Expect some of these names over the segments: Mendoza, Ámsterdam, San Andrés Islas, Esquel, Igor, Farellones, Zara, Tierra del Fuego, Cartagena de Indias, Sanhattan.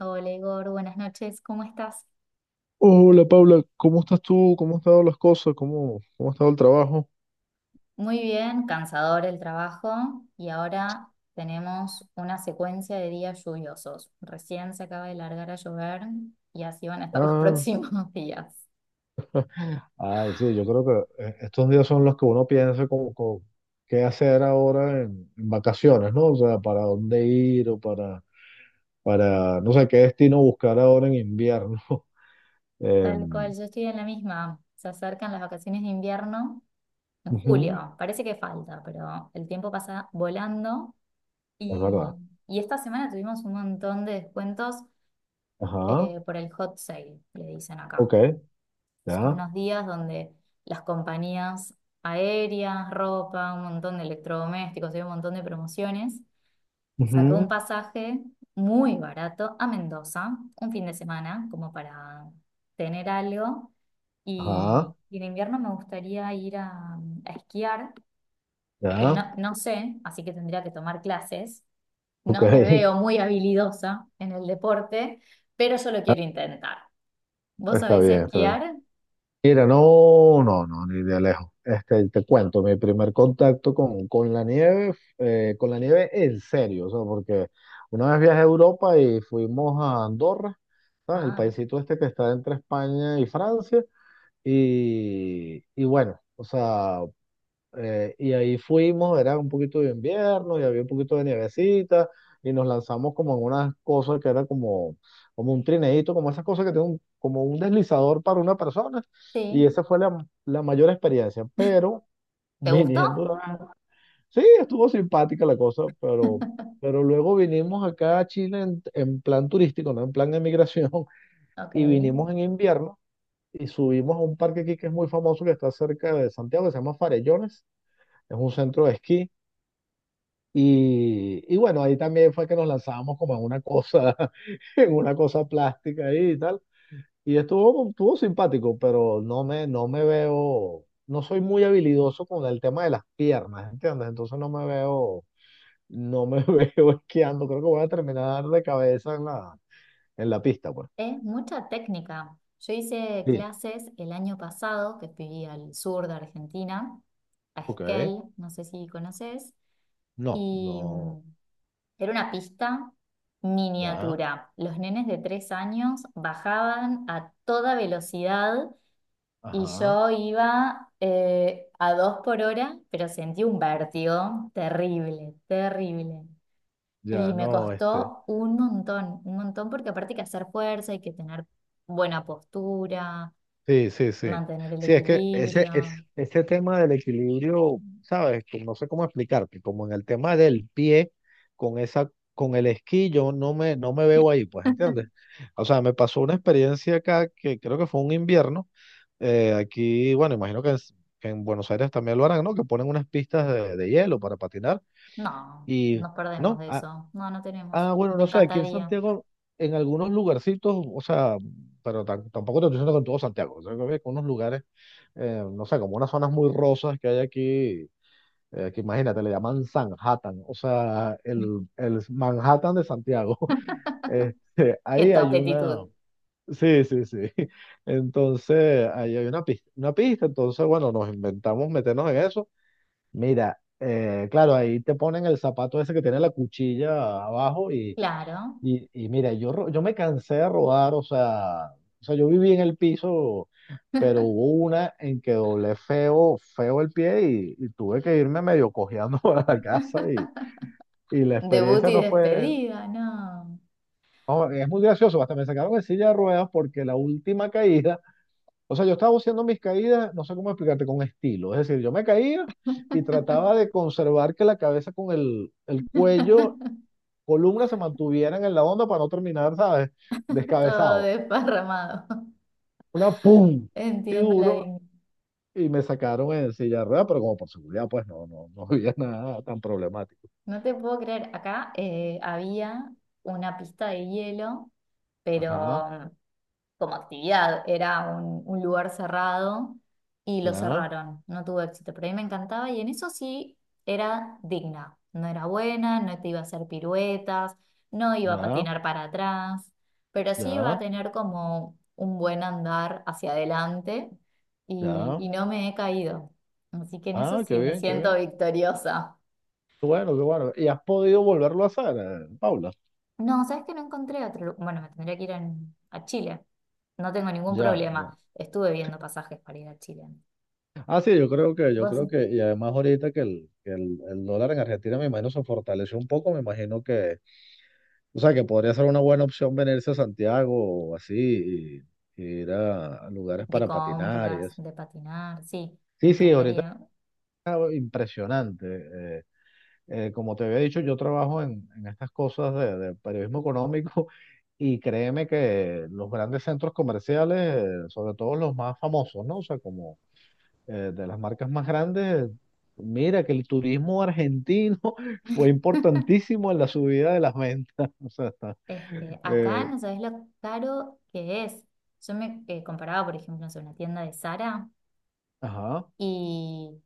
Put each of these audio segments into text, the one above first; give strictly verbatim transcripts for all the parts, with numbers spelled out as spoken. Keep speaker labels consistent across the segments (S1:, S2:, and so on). S1: Hola Igor, buenas noches, ¿cómo estás?
S2: Hola Paula, ¿cómo estás tú? ¿Cómo han estado las cosas? ¿Cómo, cómo ha estado el trabajo?
S1: Muy bien, cansador el trabajo y ahora tenemos una secuencia de días lluviosos. Recién se acaba de largar a llover y así van a estar los
S2: Ah,
S1: próximos días.
S2: ay, sí, yo creo que eh, estos días son los que uno piensa como, como qué hacer ahora en, en vacaciones, ¿no? O sea, para dónde ir o para,
S1: Eh,
S2: para, no sé, qué destino buscar ahora en invierno. Eh,
S1: Tal cual, yo estoy en la misma. Se acercan las vacaciones de invierno en
S2: ujú,
S1: julio. Parece que falta, pero el tiempo pasa volando.
S2: es
S1: Y,
S2: verdad.
S1: y esta semana tuvimos un montón de descuentos
S2: Ajá,
S1: eh, por el hot sale, le dicen acá.
S2: ok,
S1: Son
S2: ya.
S1: unos días donde las compañías aéreas, ropa, un montón de electrodomésticos, hay un montón de promociones. Saqué un
S2: Ujú,
S1: pasaje muy barato a Mendoza, un fin de semana, como para tener algo.
S2: ajá,
S1: Y, y en invierno me gustaría ir a, a esquiar, que
S2: ya,
S1: no, no sé, así que tendría que tomar clases.
S2: ok.
S1: No me veo muy habilidosa en el deporte, pero yo lo quiero intentar. ¿Vos
S2: Está
S1: sabés
S2: bien, está bien.
S1: esquiar?
S2: Mira, no, no, no, ni de lejos. Este, te cuento, mi primer contacto con, con la nieve, eh, con la nieve en serio, o sea, porque una vez viajé a Europa y fuimos a Andorra, ¿sabes? El
S1: Ah,
S2: paisito este que está entre España y Francia, y, y bueno, o sea, eh, y ahí fuimos, era un poquito de invierno y había un poquito de nievecita y nos lanzamos como en unas cosas que era como, como un trineíto, como esas cosas que tienen un- como un deslizador para una persona, y
S1: sí.
S2: esa fue la, la mayor experiencia, pero
S1: ¿Te gustó?
S2: viniendo, a- sí, estuvo simpática la cosa, pero, pero luego vinimos acá a Chile en, en plan turístico, no en plan de migración. Y vinimos
S1: Ok.
S2: en invierno y subimos a un parque aquí que es muy famoso, que está cerca de Santiago, que se llama Farellones. Es un centro de esquí. Y, y bueno, ahí también fue que nos lanzábamos como en una cosa, en una cosa plástica ahí y tal. Y estuvo, estuvo simpático, pero no me, no me veo, no soy muy habilidoso con el tema de las piernas, ¿entiendes? Entonces no me veo, no me veo esquiando. Creo que voy a terminar de cabeza en la, en la pista, pues.
S1: Es mucha técnica. Yo hice
S2: Sí,
S1: clases el año pasado, que fui al sur de Argentina, a
S2: ok.
S1: Esquel, no sé si conoces,
S2: No,
S1: y mm,
S2: no,
S1: era una pista
S2: ya,
S1: miniatura. Los nenes de tres años bajaban a toda velocidad y
S2: ajá,
S1: yo iba eh, a dos por hora, pero sentí un vértigo terrible, terrible. Y
S2: ya
S1: me
S2: no, este.
S1: costó un montón, un montón, porque aparte hay que hacer fuerza, hay que tener buena postura,
S2: Sí, sí, sí.
S1: mantener el
S2: Sí, es que ese, es,
S1: equilibrio.
S2: ese tema del equilibrio, ¿sabes? Que no sé cómo explicarte, como en el tema del pie, con esa, con el esquí, yo no me, no me veo ahí, pues, ¿entiendes? O sea, me pasó una experiencia acá que creo que fue un invierno. eh, aquí, bueno, imagino que en, que en, Buenos Aires también lo harán, ¿no? Que ponen unas pistas de, de hielo para patinar.
S1: No,
S2: Y,
S1: nos perdemos
S2: no,
S1: de
S2: ah,
S1: eso. No, no tenemos.
S2: ah, bueno,
S1: Me
S2: no sé, aquí en
S1: encantaría.
S2: Santiago, en algunos lugarcitos, o sea, pero tam- tampoco te estoy diciendo con todo Santiago, o sea, que había unos lugares eh, no sé, como unas zonas muy rosas que hay aquí, eh, que imagínate, le llaman Sanhattan, o sea, el, el Manhattan de Santiago. Este,
S1: Qué
S2: ahí
S1: top
S2: hay una,
S1: actitud.
S2: sí, sí, sí. Entonces, ahí hay una pista, una pista, entonces, bueno, nos inventamos meternos en eso. Mira, eh, claro, ahí te ponen el zapato ese que tiene la cuchilla abajo y,
S1: Claro.
S2: y, y mira, yo, ro- yo me cansé de rodar, o sea, o sea, yo viví en el piso, pero hubo una en que doblé feo, feo el pie y, y tuve que irme medio cojeando para la casa y, y la
S1: Debut
S2: experiencia
S1: y
S2: no fue.
S1: despedida, no.
S2: No, es muy gracioso, hasta me sacaron de silla de ruedas porque la última caída, o sea, yo estaba haciendo mis caídas, no sé cómo explicarte, con estilo, es decir, yo me caía y trataba de conservar que la cabeza con el, el cuello, columna se mantuvieran en la onda para no terminar, ¿sabes?
S1: Todo
S2: Descabezado.
S1: desparramado.
S2: Una pum y
S1: Entiendo la
S2: duro
S1: dignidad.
S2: y me sacaron en silla de ruedas, pero como por seguridad, pues no, no, no había nada tan problemático.
S1: No te puedo creer. Acá eh, había una pista de hielo,
S2: Ajá,
S1: pero como actividad, era un, un lugar cerrado y lo
S2: ya,
S1: cerraron, no tuvo éxito, pero a mí me encantaba y en eso sí era digna, no era buena, no te iba a hacer piruetas, no iba a
S2: ya,
S1: patinar para atrás, pero sí iba a
S2: ya,
S1: tener como un buen andar hacia adelante y,
S2: ya.
S1: y no me he caído, así que en eso
S2: Ah,
S1: sí
S2: qué
S1: me
S2: bien, qué
S1: siento
S2: bien.
S1: victoriosa.
S2: Qué bueno, qué bueno. ¿Y has podido volverlo a hacer, eh, Paula?
S1: No, ¿sabes que no encontré otro? Lu- Bueno, me tendría que ir en- a Chile. No tengo ningún
S2: Ya, ya.
S1: problema. Estuve viendo pasajes para ir a Chile.
S2: Ah, sí, yo creo que, yo
S1: ¿Vos
S2: creo que, y además ahorita que el, que el, el dólar en Argentina, me imagino, se fortaleció un poco, me imagino que, o sea, que podría ser una buena opción venirse a Santiago o así, y, y ir a, a lugares
S1: de
S2: para patinar y
S1: compras,
S2: eso.
S1: de patinar, sí, me
S2: Sí, sí, ahorita
S1: encantaría.
S2: impresionante. Eh, eh, como te había dicho, yo trabajo en, en estas cosas de, de periodismo económico y créeme que los grandes centros comerciales, eh, sobre todo los más famosos, ¿no? O sea, como eh, de las marcas más grandes, mira que el turismo argentino fue importantísimo en la subida de las ventas. O sea, está,
S1: Este, acá
S2: eh,
S1: no sabes lo caro que es. Yo me eh, comparaba, por ejemplo, no sé, una tienda de Zara
S2: ajá,
S1: y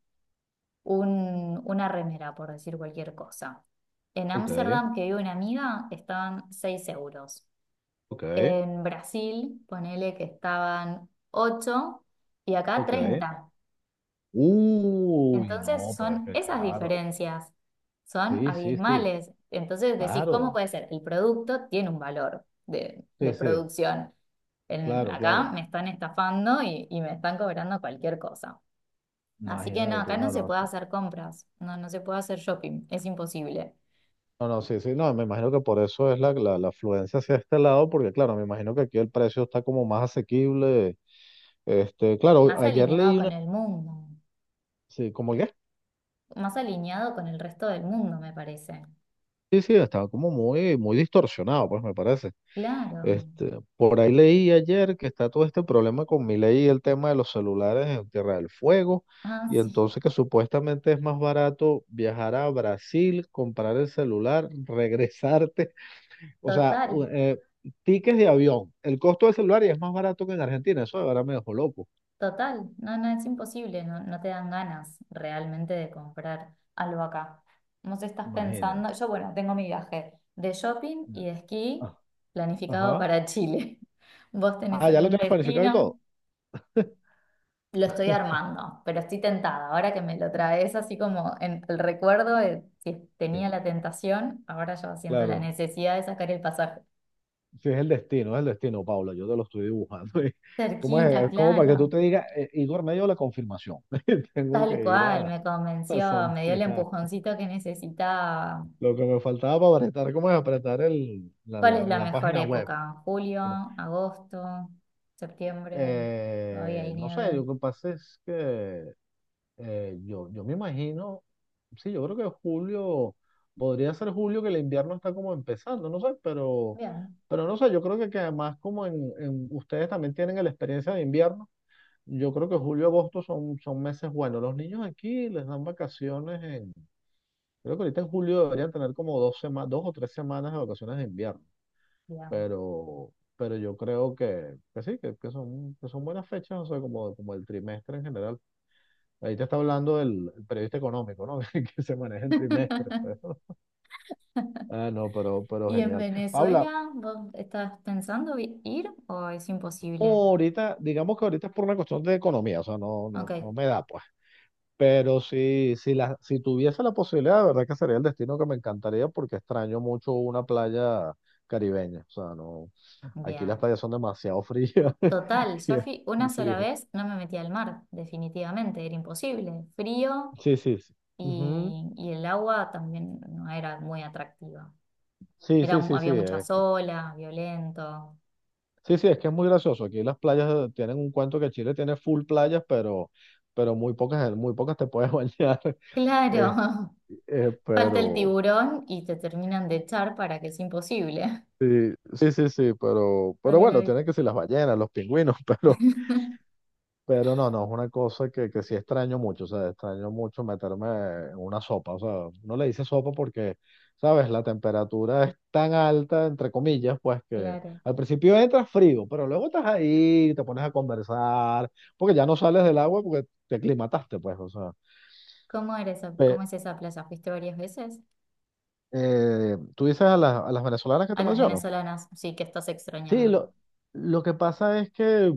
S1: un, una remera, por decir cualquier cosa. En
S2: ok,
S1: Ámsterdam, que vive una amiga, estaban seis euros.
S2: ok,
S1: En Brasil, ponele que estaban ocho y acá
S2: ok.
S1: treinta.
S2: Uy,
S1: Entonces
S2: no, pero es
S1: son
S2: que
S1: esas
S2: claro.
S1: diferencias, son
S2: Sí, sí, sí,
S1: abismales. Entonces decís, ¿cómo
S2: claro.
S1: puede ser? El producto tiene un valor de, de
S2: Sí, sí.
S1: producción. En-
S2: Claro,
S1: acá
S2: claro.
S1: me están estafando y, y me están cobrando cualquier cosa. Así que no,
S2: Imagínate tú,
S1: acá no
S2: no,
S1: se
S2: no,
S1: puede
S2: sí.
S1: hacer compras, no, no se puede hacer shopping, es imposible.
S2: No, no, sí, sí, no, me imagino que por eso es la, la, la afluencia hacia este lado, porque claro, me imagino que aquí el precio está como más asequible. Este, claro,
S1: Más
S2: ayer
S1: alineado
S2: leí
S1: con
S2: una,
S1: el mundo,
S2: sí, como que,
S1: más alineado con el resto del mundo, me parece.
S2: sí, sí, estaba como muy, muy distorsionado, pues me parece.
S1: Claro.
S2: Este, por ahí leí ayer que está todo este problema con mi ley y el tema de los celulares en Tierra del Fuego,
S1: Ah,
S2: y
S1: sí,
S2: entonces que supuestamente es más barato viajar a Brasil, comprar el celular, regresarte. O sea, u-
S1: total.
S2: eh, tickets de avión. El costo del celular y es más barato que en Argentina. Eso de verdad me dejó loco.
S1: Total, no, no, es imposible, no, no te dan ganas realmente de comprar algo acá. No sé, estás
S2: Imagínate.
S1: pensando, yo bueno, tengo mi viaje de shopping y
S2: Ya.
S1: de esquí
S2: Ah,
S1: planificado
S2: ajá.
S1: para Chile. ¿Vos tenés
S2: Ah, ya lo
S1: algún
S2: tienes planificado y
S1: destino?
S2: todo.
S1: Lo estoy armando, pero estoy tentada. Ahora que me lo traes así como en el recuerdo de si
S2: Sí,
S1: tenía la tentación, ahora yo siento la
S2: claro.
S1: necesidad de sacar el pasaje.
S2: Sí, es el destino, es el destino, Paula. Yo te lo estoy dibujando. ¿Cómo es?
S1: Cerquita,
S2: Es como para que tú
S1: claro.
S2: te digas, eh, Igor, me dio la confirmación. Tengo
S1: Tal
S2: que ir
S1: cual,
S2: a,
S1: me
S2: a
S1: convenció, me dio el
S2: Santiago.
S1: empujoncito que necesitaba.
S2: Lo que me faltaba para apretar, ¿cómo es apretar el, la,
S1: ¿Cuál
S2: la-
S1: es
S2: en
S1: la
S2: la
S1: mejor
S2: página web?
S1: época? ¿Julio,
S2: Bueno,
S1: agosto, septiembre? ¿Todavía
S2: Eh,
S1: hay
S2: no sé,
S1: nieve?
S2: lo que pasa es que Eh, yo, yo me imagino, sí, yo creo que julio, podría ser julio que el invierno está como empezando, no sé, pero,
S1: Bien,
S2: pero no sé, yo creo que, que además como en, en- ustedes también tienen la experiencia de invierno, yo creo que julio agosto son, son meses buenos. Los niños aquí les dan vacaciones en, creo que ahorita en julio deberían tener como dos semanas, dos o tres semanas de vacaciones de invierno,
S1: bien.
S2: pero, pero yo creo que, que sí, que, que son, que son buenas fechas, o sea, como, como el trimestre en general. Ahí te está hablando el, el periodista económico, ¿no? Que se maneja en trimestres, pues. Ah, no, pero, pero
S1: ¿Y en
S2: genial. Paula,
S1: Venezuela vos estás pensando vi- ir o es
S2: no,
S1: imposible?
S2: ahorita, digamos que ahorita es por una cuestión de economía, o sea, no,
S1: Ok,
S2: no, no me da, pues. Pero si, si, la, si tuviese la posibilidad, de verdad que sería el destino que me encantaría porque extraño mucho una playa caribeña. O sea, no, aquí las
S1: bien.
S2: playas son demasiado frías.
S1: Total,
S2: Y
S1: yo
S2: es-
S1: fui una
S2: Sí,
S1: sola vez, no me metí al mar, definitivamente, era imposible. Frío
S2: sí, sí, sí. Ujú.
S1: y, y el agua también no era muy atractiva.
S2: Sí,
S1: Era,
S2: sí,
S1: mu-
S2: sí, sí.
S1: había
S2: eh,
S1: muchas olas, violento.
S2: sí, sí, es que es muy gracioso. Aquí las playas tienen un cuento que Chile tiene full playas, pero, pero muy pocas, eh, muy pocas te puedes bañar.
S1: Claro,
S2: Eh, eh,
S1: falta el
S2: pero
S1: tiburón y te terminan de echar para que es imposible.
S2: sí, sí, sí, sí, pero, pero
S1: Solo la
S2: bueno,
S1: vista.
S2: tienen que ser las ballenas, los pingüinos, pero. Pero no, no, es una cosa que, que sí extraño mucho, o sea, extraño mucho meterme en una sopa, o sea, no le dice sopa porque, ¿sabes? La temperatura es tan alta, entre comillas, pues que
S1: Claro.
S2: al principio entras frío, pero luego estás ahí, te pones a conversar, porque ya no sales del agua porque te aclimataste, pues, o sea.
S1: ¿Cómo era esa,
S2: Pe-
S1: cómo es esa plaza? ¿Fuiste varias veces?
S2: eh, tú dices a las, a las venezolanas que
S1: A
S2: te
S1: las
S2: menciono.
S1: venezolanas, sí, que estás
S2: Sí,
S1: extrañando.
S2: lo, lo que pasa es que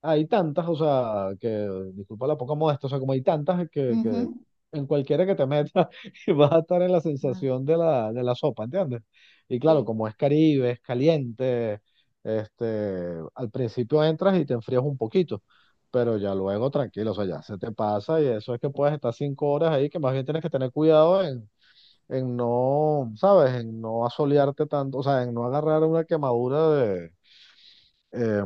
S2: hay tantas, o sea, que, disculpa la poca modestia, o sea, como hay tantas que, que
S1: Ujú.
S2: en cualquiera que te metas vas a estar en la
S1: Ah,
S2: sensación de la, de la sopa, ¿entiendes? Y claro,
S1: sí,
S2: como es Caribe, es caliente, este, al principio entras y te enfrías un poquito, pero ya luego tranquilo, o sea, ya se te pasa y eso es que puedes estar cinco horas ahí, que más bien tienes que tener cuidado en, en no, ¿sabes? En no asolearte tanto, o sea, en no agarrar una quemadura de eh,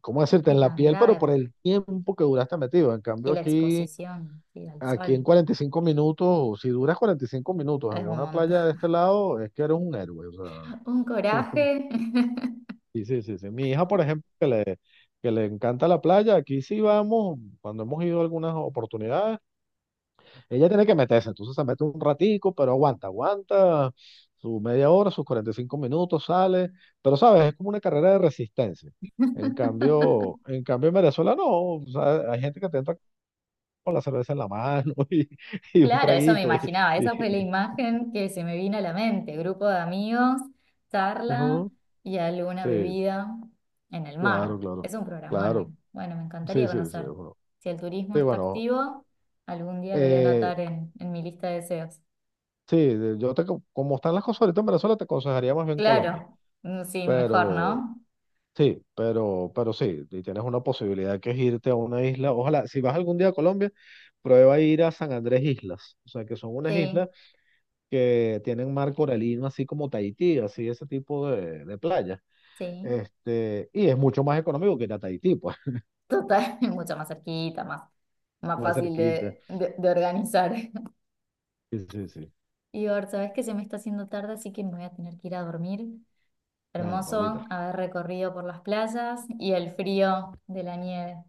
S2: ¿cómo decirte?
S1: sí,
S2: En la
S1: tan
S2: piel, pero
S1: grave.
S2: por
S1: Por-
S2: el tiempo que duraste metido. En
S1: Y
S2: cambio,
S1: la
S2: aquí,
S1: exposición, sí, al
S2: aquí en
S1: sol.
S2: cuarenta y cinco minutos, si duras cuarenta y cinco minutos en
S1: Es un
S2: una
S1: montón.
S2: playa de este lado, es que eres un héroe. O
S1: Un
S2: sea,
S1: coraje.
S2: sí, sí, sí, sí. Mi hija, por ejemplo, que le, que le encanta la playa, aquí sí vamos, cuando hemos ido a algunas oportunidades. Ella tiene que meterse, entonces se mete un ratico, pero aguanta, aguanta su media hora, sus cuarenta y cinco minutos, sale, pero sabes, es como una carrera de resistencia. En cambio, en cambio en Venezuela no, o sea, hay gente que te entra con la cerveza en la mano y, y un
S1: Claro, eso me
S2: traguito y,
S1: imaginaba,
S2: y-
S1: esa fue la
S2: y-
S1: imagen que se me vino a la mente, grupo de amigos, charla
S2: ujú,
S1: y alguna
S2: sí,
S1: bebida en el mar.
S2: claro, claro,
S1: Es un programón, me-
S2: claro,
S1: bueno, me encantaría
S2: sí, sí, sí,
S1: conocer.
S2: bueno,
S1: Si el turismo
S2: sí,
S1: está
S2: bueno,
S1: activo, algún día lo voy a
S2: eh,
S1: anotar en, en mi lista de deseos.
S2: sí, de- yo te, co- como están las cosas ahorita en Venezuela, te aconsejaría más bien Colombia,
S1: Claro, mm, sí, mejor,
S2: pero.
S1: ¿no?
S2: Sí, pero, pero sí, y tienes una posibilidad que es irte a una isla. Ojalá, si vas algún día a Colombia, prueba ir a San Andrés Islas. O sea, que son unas
S1: Sí,
S2: islas que tienen mar coralino, así como Tahití, así ese tipo de, de playa.
S1: sí,
S2: Este, y es mucho más económico que ir a Tahití, pues.
S1: total, mucho más cerquita, más, más
S2: Más
S1: fácil
S2: cerquita.
S1: de, de, de organizar.
S2: Sí, sí, sí.
S1: Igor, ¿sabes que se me está haciendo tarde, así que me voy a tener que ir a dormir?
S2: Dale,
S1: Hermoso
S2: Pablita.
S1: haber recorrido por las playas y el frío de la nieve.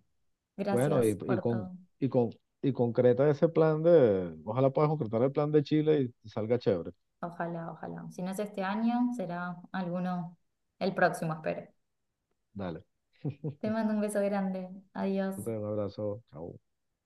S2: Bueno,
S1: Gracias
S2: y, y
S1: por
S2: con,
S1: todo.
S2: y con, y concreta ese plan de, ojalá puedas concretar el plan de Chile y salga chévere.
S1: Ojalá, ojalá. Si no es este año, será alguno el próximo, espero.
S2: Dale.
S1: Te mando un beso grande. Adiós.
S2: Un abrazo. Chao.